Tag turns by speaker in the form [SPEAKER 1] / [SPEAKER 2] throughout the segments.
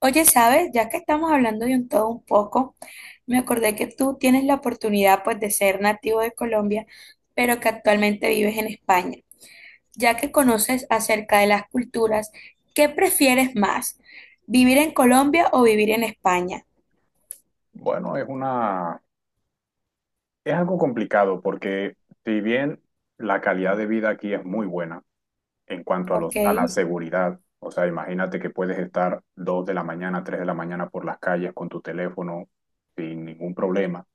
[SPEAKER 1] Oye, ¿sabes? Ya que estamos hablando de un todo un poco, me acordé que tú tienes la oportunidad pues de ser nativo de Colombia, pero que actualmente vives en España. Ya que conoces acerca de las culturas, ¿qué prefieres más? ¿Vivir en Colombia o vivir en España?
[SPEAKER 2] Bueno, es algo complicado porque si bien la calidad de vida aquí es muy buena en cuanto a
[SPEAKER 1] Ok,
[SPEAKER 2] a la seguridad, o sea, imagínate que puedes estar 2 de la mañana, 3 de la mañana por las calles con tu teléfono sin ningún problema.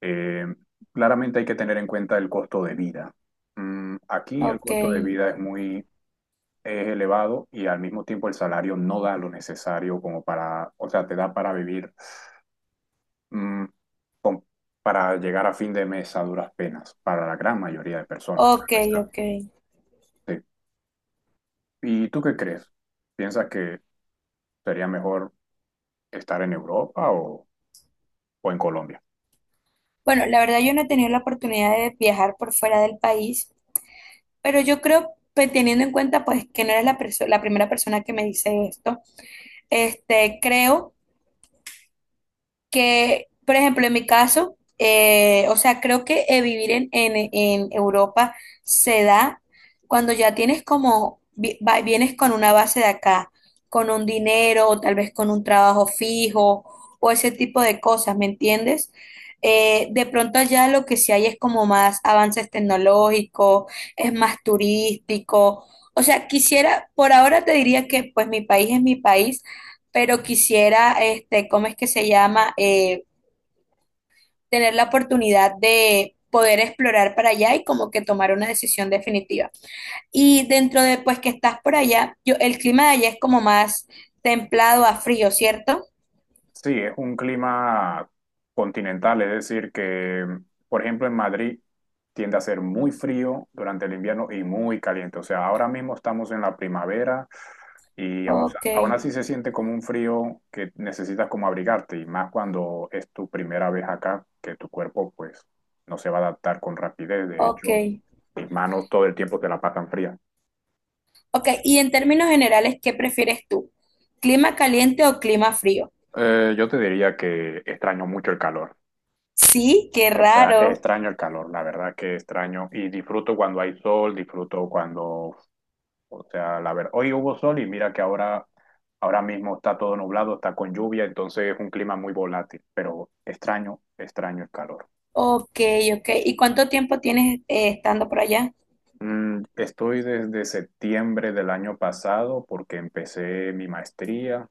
[SPEAKER 2] Eh, claramente hay que tener en cuenta el costo de vida. Aquí el
[SPEAKER 1] ok,
[SPEAKER 2] costo de vida es elevado y al mismo tiempo el salario no da lo necesario como para, o sea, te da para vivir mm, con- para llegar a fin de mes a duras penas, para la gran mayoría de personas,
[SPEAKER 1] ok,
[SPEAKER 2] claro está.
[SPEAKER 1] ok.
[SPEAKER 2] Sí. ¿Y tú qué crees? ¿Piensas que sería mejor estar en Europa o en Colombia?
[SPEAKER 1] Bueno, la verdad yo no he tenido la oportunidad de viajar por fuera del país, pero yo creo, pues teniendo en cuenta pues que no eres la primera persona que me dice esto, creo que, por ejemplo, en mi caso, o sea, creo que vivir en Europa se da cuando ya tienes como, vienes con una base de acá, con un dinero, o tal vez con un trabajo fijo, o ese tipo de cosas, ¿me entiendes? De pronto allá lo que sí hay es como más avances tecnológicos, es más turístico. O sea, quisiera, por ahora te diría que pues mi país es mi país, pero quisiera, ¿cómo es que se llama? Tener la oportunidad de poder explorar para allá y como que tomar una decisión definitiva. Y dentro de, pues, que estás por allá, yo, el clima de allá es como más templado a frío, ¿cierto?
[SPEAKER 2] Sí, es un clima continental, es decir, que, por ejemplo, en Madrid tiende a ser muy frío durante el invierno y muy caliente. O sea, ahora mismo estamos en la primavera y aún,
[SPEAKER 1] Ok,
[SPEAKER 2] aún así se siente como un frío que necesitas como abrigarte y más cuando es tu primera vez acá, que tu cuerpo pues no se va a adaptar con rapidez. De
[SPEAKER 1] ok,
[SPEAKER 2] hecho, mis manos todo el tiempo te la pasan fría.
[SPEAKER 1] ok. Y en términos generales, ¿qué prefieres tú? ¿Clima caliente o clima frío?
[SPEAKER 2] Yo te diría que extraño mucho el calor.
[SPEAKER 1] Sí, qué
[SPEAKER 2] Está,
[SPEAKER 1] raro.
[SPEAKER 2] extraño el calor, la verdad que extraño. Y disfruto cuando hay sol, disfruto cuando, o sea, la verdad, hoy hubo sol y mira que ahora mismo está todo nublado, está con lluvia, entonces es un clima muy volátil, pero extraño, extraño el calor.
[SPEAKER 1] Ok, ok. ¿Y cuánto tiempo tienes estando por allá?
[SPEAKER 2] Estoy desde septiembre del año pasado porque empecé mi maestría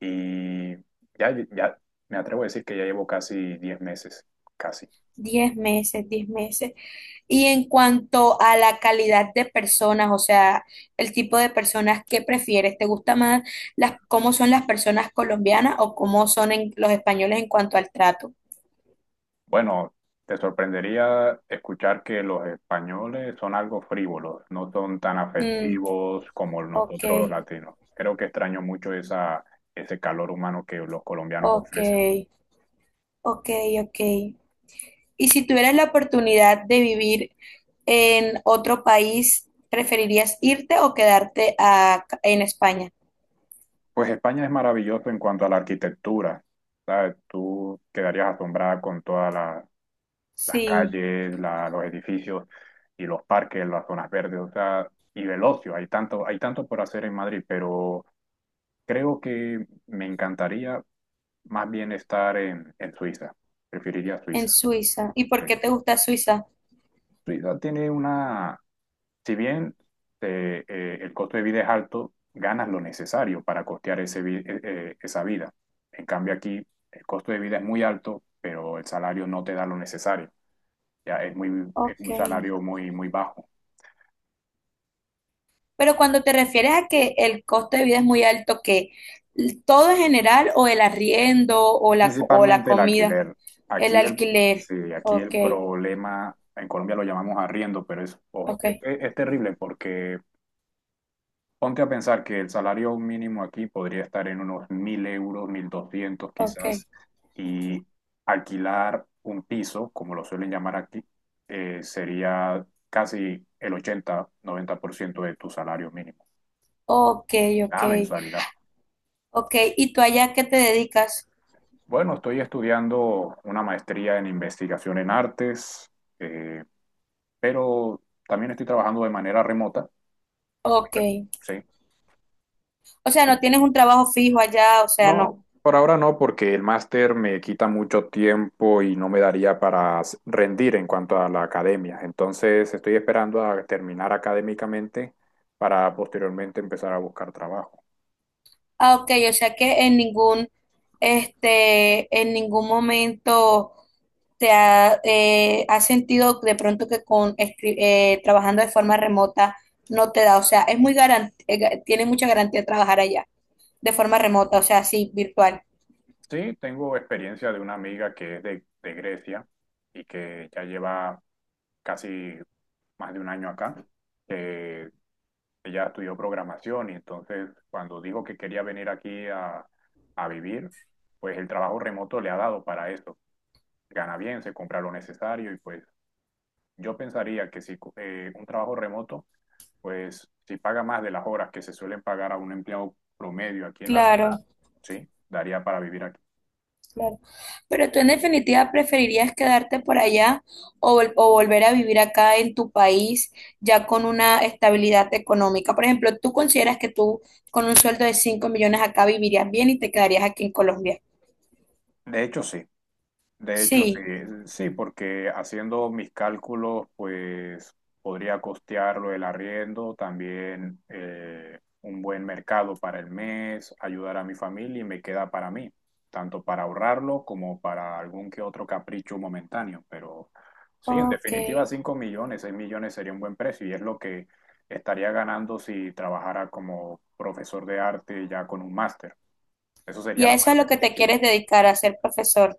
[SPEAKER 2] y ya, ya me atrevo a decir que ya llevo casi 10 meses, casi.
[SPEAKER 1] 10 meses, 10 meses. Y en cuanto a la calidad de personas, o sea, el tipo de personas que prefieres, ¿te gusta más las, cómo son las personas colombianas o cómo son los españoles en cuanto al trato?
[SPEAKER 2] Bueno, te sorprendería escuchar que los españoles son algo frívolos, no son tan
[SPEAKER 1] Mm,
[SPEAKER 2] afectivos como
[SPEAKER 1] ok,
[SPEAKER 2] nosotros los latinos. Creo que extraño mucho ese calor humano que los colombianos
[SPEAKER 1] ok,
[SPEAKER 2] ofrecen.
[SPEAKER 1] ok, ok. Y si tuvieras la oportunidad de vivir en otro país, ¿preferirías irte o quedarte en España?
[SPEAKER 2] Pues España es maravilloso en cuanto a la arquitectura, ¿sabes? Tú quedarías asombrada con todas las
[SPEAKER 1] Sí,
[SPEAKER 2] calles, los edificios y los parques, las zonas verdes, o sea, y el ocio. Hay tanto por hacer en Madrid, pero creo que me encantaría más bien estar en Suiza. Preferiría
[SPEAKER 1] en
[SPEAKER 2] Suiza.
[SPEAKER 1] Suiza. ¿Y por
[SPEAKER 2] Sí.
[SPEAKER 1] qué te gusta Suiza?
[SPEAKER 2] Suiza tiene si bien el costo de vida es alto, ganas lo necesario para costear esa vida. En cambio aquí el costo de vida es muy alto, pero el salario no te da lo necesario. Ya es muy, es
[SPEAKER 1] Ok.
[SPEAKER 2] un salario muy, muy bajo.
[SPEAKER 1] Pero cuando te refieres a que el costo de vida es muy alto, que todo en general, o el arriendo, o la
[SPEAKER 2] Principalmente el
[SPEAKER 1] comida,
[SPEAKER 2] alquiler.
[SPEAKER 1] el
[SPEAKER 2] Aquí el,
[SPEAKER 1] alquiler.
[SPEAKER 2] sí, aquí
[SPEAKER 1] Ok,
[SPEAKER 2] el problema, en Colombia lo llamamos arriendo, pero es, hor- e-
[SPEAKER 1] ok,
[SPEAKER 2] e- es, terrible porque ponte a pensar que el salario mínimo aquí podría estar en unos 1.000 euros, 1.200
[SPEAKER 1] ok,
[SPEAKER 2] quizás, y alquilar un piso, como lo suelen llamar aquí, sería casi el 80-90% de tu salario mínimo,
[SPEAKER 1] ok, ok,
[SPEAKER 2] la mensualidad.
[SPEAKER 1] ok. ¿Y tú allá qué te dedicas?
[SPEAKER 2] Bueno, estoy estudiando una maestría en investigación en artes. eh, pero también estoy trabajando de manera remota,
[SPEAKER 1] Ok.
[SPEAKER 2] ¿sí?
[SPEAKER 1] O sea,
[SPEAKER 2] Y
[SPEAKER 1] no tienes un trabajo fijo allá, o sea, no.
[SPEAKER 2] no, por ahora no, porque el máster me quita mucho tiempo y no me daría para rendir en cuanto a la academia. Entonces estoy esperando a terminar académicamente para posteriormente empezar a buscar trabajo.
[SPEAKER 1] Ah, ok, o sea que en ningún momento has sentido de pronto que con trabajando de forma remota no te da, o sea, es muy garantía, tiene mucha garantía trabajar allá de forma remota, o sea, sí, virtual.
[SPEAKER 2] Sí, tengo experiencia de una amiga que es de Grecia y que ya lleva casi más de un año acá. Eh, Ella estudió programación y entonces cuando dijo que quería venir aquí a vivir, pues el trabajo remoto le ha dado para eso. Gana bien, se compra lo necesario y pues yo pensaría que si un trabajo remoto, pues si paga más de las horas que se suelen pagar a un empleado promedio aquí en la ciudad,
[SPEAKER 1] Claro.
[SPEAKER 2] sí, daría para vivir aquí.
[SPEAKER 1] Claro. Pero tú en definitiva preferirías quedarte por allá o volver a vivir acá en tu país ya con una estabilidad económica. Por ejemplo, ¿tú consideras que tú con un sueldo de 5 millones acá vivirías bien y te quedarías aquí en Colombia?
[SPEAKER 2] De hecho, sí. De hecho, sí,
[SPEAKER 1] Sí,
[SPEAKER 2] sí, porque haciendo mis cálculos, pues podría costearlo el arriendo, también un buen mercado para el mes, ayudar a mi familia y me queda para mí, tanto para ahorrarlo como para algún que otro capricho momentáneo. Pero sí, en
[SPEAKER 1] ok.
[SPEAKER 2] definitiva, 5 millones, 6 millones sería un buen precio y es lo que estaría ganando si trabajara como profesor de arte ya con un máster. Eso
[SPEAKER 1] Y
[SPEAKER 2] sería
[SPEAKER 1] a
[SPEAKER 2] la
[SPEAKER 1] eso es
[SPEAKER 2] parte
[SPEAKER 1] lo que te
[SPEAKER 2] positiva.
[SPEAKER 1] quieres dedicar, a ser profesor.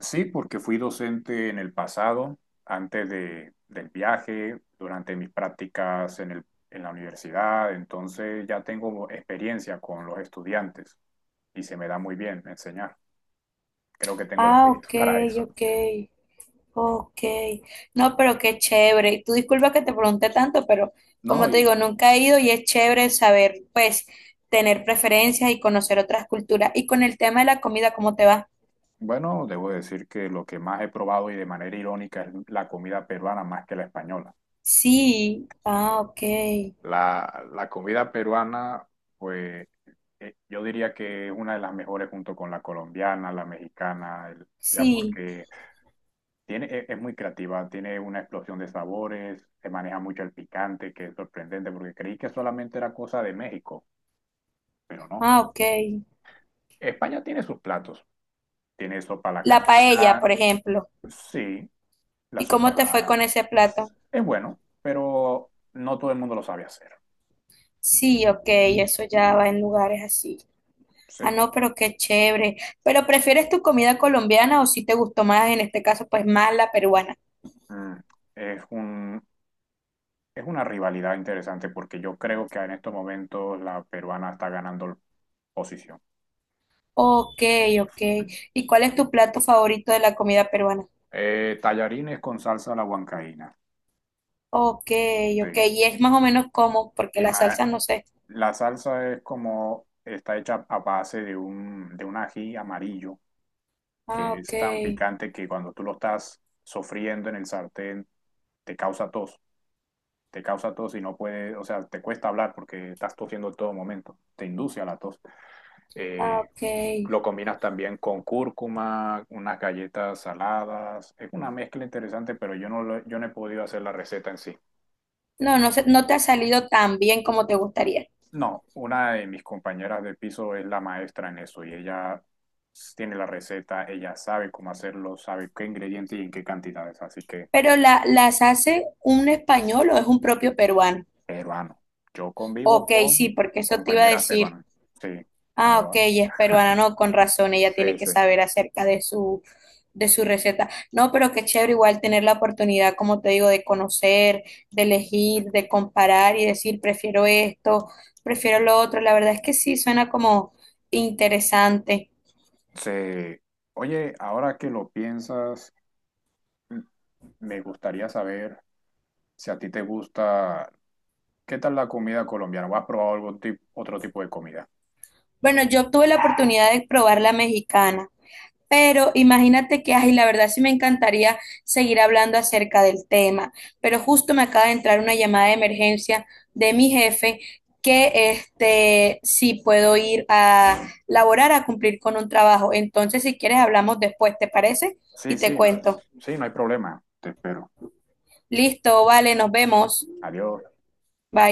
[SPEAKER 2] Sí, porque fui docente en el pasado, antes del viaje, durante mis prácticas en la universidad, entonces ya tengo experiencia con los estudiantes y se me da muy bien enseñar. Creo que tengo el
[SPEAKER 1] Ah,
[SPEAKER 2] espíritu
[SPEAKER 1] ok,
[SPEAKER 2] para eso.
[SPEAKER 1] ok. Ok, no, pero qué chévere. Y tú disculpa que te pregunté tanto, pero
[SPEAKER 2] No,
[SPEAKER 1] como te digo,
[SPEAKER 2] y
[SPEAKER 1] nunca he ido y es chévere saber, pues, tener preferencias y conocer otras culturas. Y con el tema de la comida, ¿cómo te va?
[SPEAKER 2] bueno, debo decir que lo que más he probado y de manera irónica es la comida peruana más que la española.
[SPEAKER 1] Sí, ah, ok,
[SPEAKER 2] La comida peruana, pues yo diría que es una de las mejores junto con la colombiana, la mexicana, ya
[SPEAKER 1] sí,
[SPEAKER 2] porque tiene, es muy creativa, tiene una explosión de sabores, se maneja mucho el picante, que es sorprendente, porque creí que solamente era cosa de México, pero no.
[SPEAKER 1] ah, ok.
[SPEAKER 2] España tiene sus platos, tiene sopa a la
[SPEAKER 1] La paella,
[SPEAKER 2] castilá,
[SPEAKER 1] por ejemplo.
[SPEAKER 2] sí, la
[SPEAKER 1] ¿Y
[SPEAKER 2] sopa
[SPEAKER 1] cómo
[SPEAKER 2] a
[SPEAKER 1] te fue con
[SPEAKER 2] la.
[SPEAKER 1] ese plato?
[SPEAKER 2] Es bueno, pero no todo el mundo lo sabe hacer,
[SPEAKER 1] Sí, ok, eso ya va en lugares así. Ah,
[SPEAKER 2] sí.
[SPEAKER 1] no, pero qué chévere. ¿Pero prefieres tu comida colombiana o si te gustó más, en este caso, pues más la peruana?
[SPEAKER 2] Mm, Es un, es una rivalidad interesante porque yo creo que en estos momentos la peruana está ganando posición.
[SPEAKER 1] Ok, ok. ¿Y cuál es tu plato favorito de la comida peruana?
[SPEAKER 2] Tallarines con salsa a la huancaína,
[SPEAKER 1] Ok, ok.
[SPEAKER 2] sí.
[SPEAKER 1] Y es más o menos como, porque
[SPEAKER 2] Y
[SPEAKER 1] la
[SPEAKER 2] ma-
[SPEAKER 1] salsa no sé.
[SPEAKER 2] La salsa es como, está hecha a base de un ají amarillo
[SPEAKER 1] Ah,
[SPEAKER 2] que
[SPEAKER 1] ok,
[SPEAKER 2] es tan picante que cuando tú lo estás sofriendo en el sartén te causa tos, te causa tos y no puedes, o sea, te cuesta hablar porque estás tosiendo en todo momento, te induce a la tos.
[SPEAKER 1] ah,
[SPEAKER 2] Eh,
[SPEAKER 1] ok.
[SPEAKER 2] lo combinas también con cúrcuma, unas galletas saladas, es una mezcla interesante, pero yo no he podido hacer la receta en sí.
[SPEAKER 1] No, no sé, no te ha salido tan bien como te gustaría.
[SPEAKER 2] No, una de mis compañeras de piso es la maestra en eso y ella tiene la receta, ella sabe cómo hacerlo, sabe qué ingredientes y en qué cantidades, así que
[SPEAKER 1] Pero ¿las hace un español o es un propio peruano?
[SPEAKER 2] peruano. Yo convivo
[SPEAKER 1] Ok,
[SPEAKER 2] con
[SPEAKER 1] sí, porque eso te iba a
[SPEAKER 2] compañeras
[SPEAKER 1] decir.
[SPEAKER 2] peruanas. Sí, no
[SPEAKER 1] Ah, ok,
[SPEAKER 2] lo.
[SPEAKER 1] ella es peruana, no, con razón, ella tiene
[SPEAKER 2] Sí,
[SPEAKER 1] que
[SPEAKER 2] sí.
[SPEAKER 1] saber acerca de su, receta. No, pero qué chévere igual tener la oportunidad, como te digo, de conocer, de elegir, de comparar y decir, prefiero esto, prefiero lo otro. La verdad es que sí, suena como interesante.
[SPEAKER 2] Sí. Oye, ahora que lo piensas, m- me gustaría saber si a ti te gusta, ¿qué tal la comida colombiana? ¿O has probado algún tipo, otro tipo de comida?
[SPEAKER 1] Bueno, yo tuve la oportunidad de probar la mexicana. Pero imagínate que, ay, la verdad sí me encantaría seguir hablando acerca del tema, pero justo me acaba de entrar una llamada de emergencia de mi jefe que sí puedo ir a laborar a cumplir con un trabajo. Entonces, si quieres, hablamos después, ¿te parece?
[SPEAKER 2] Sí,
[SPEAKER 1] Y te
[SPEAKER 2] sí, no.
[SPEAKER 1] cuento.
[SPEAKER 2] Sí, no hay problema. Te espero.
[SPEAKER 1] Listo, vale, nos vemos.
[SPEAKER 2] Adiós.
[SPEAKER 1] Bye.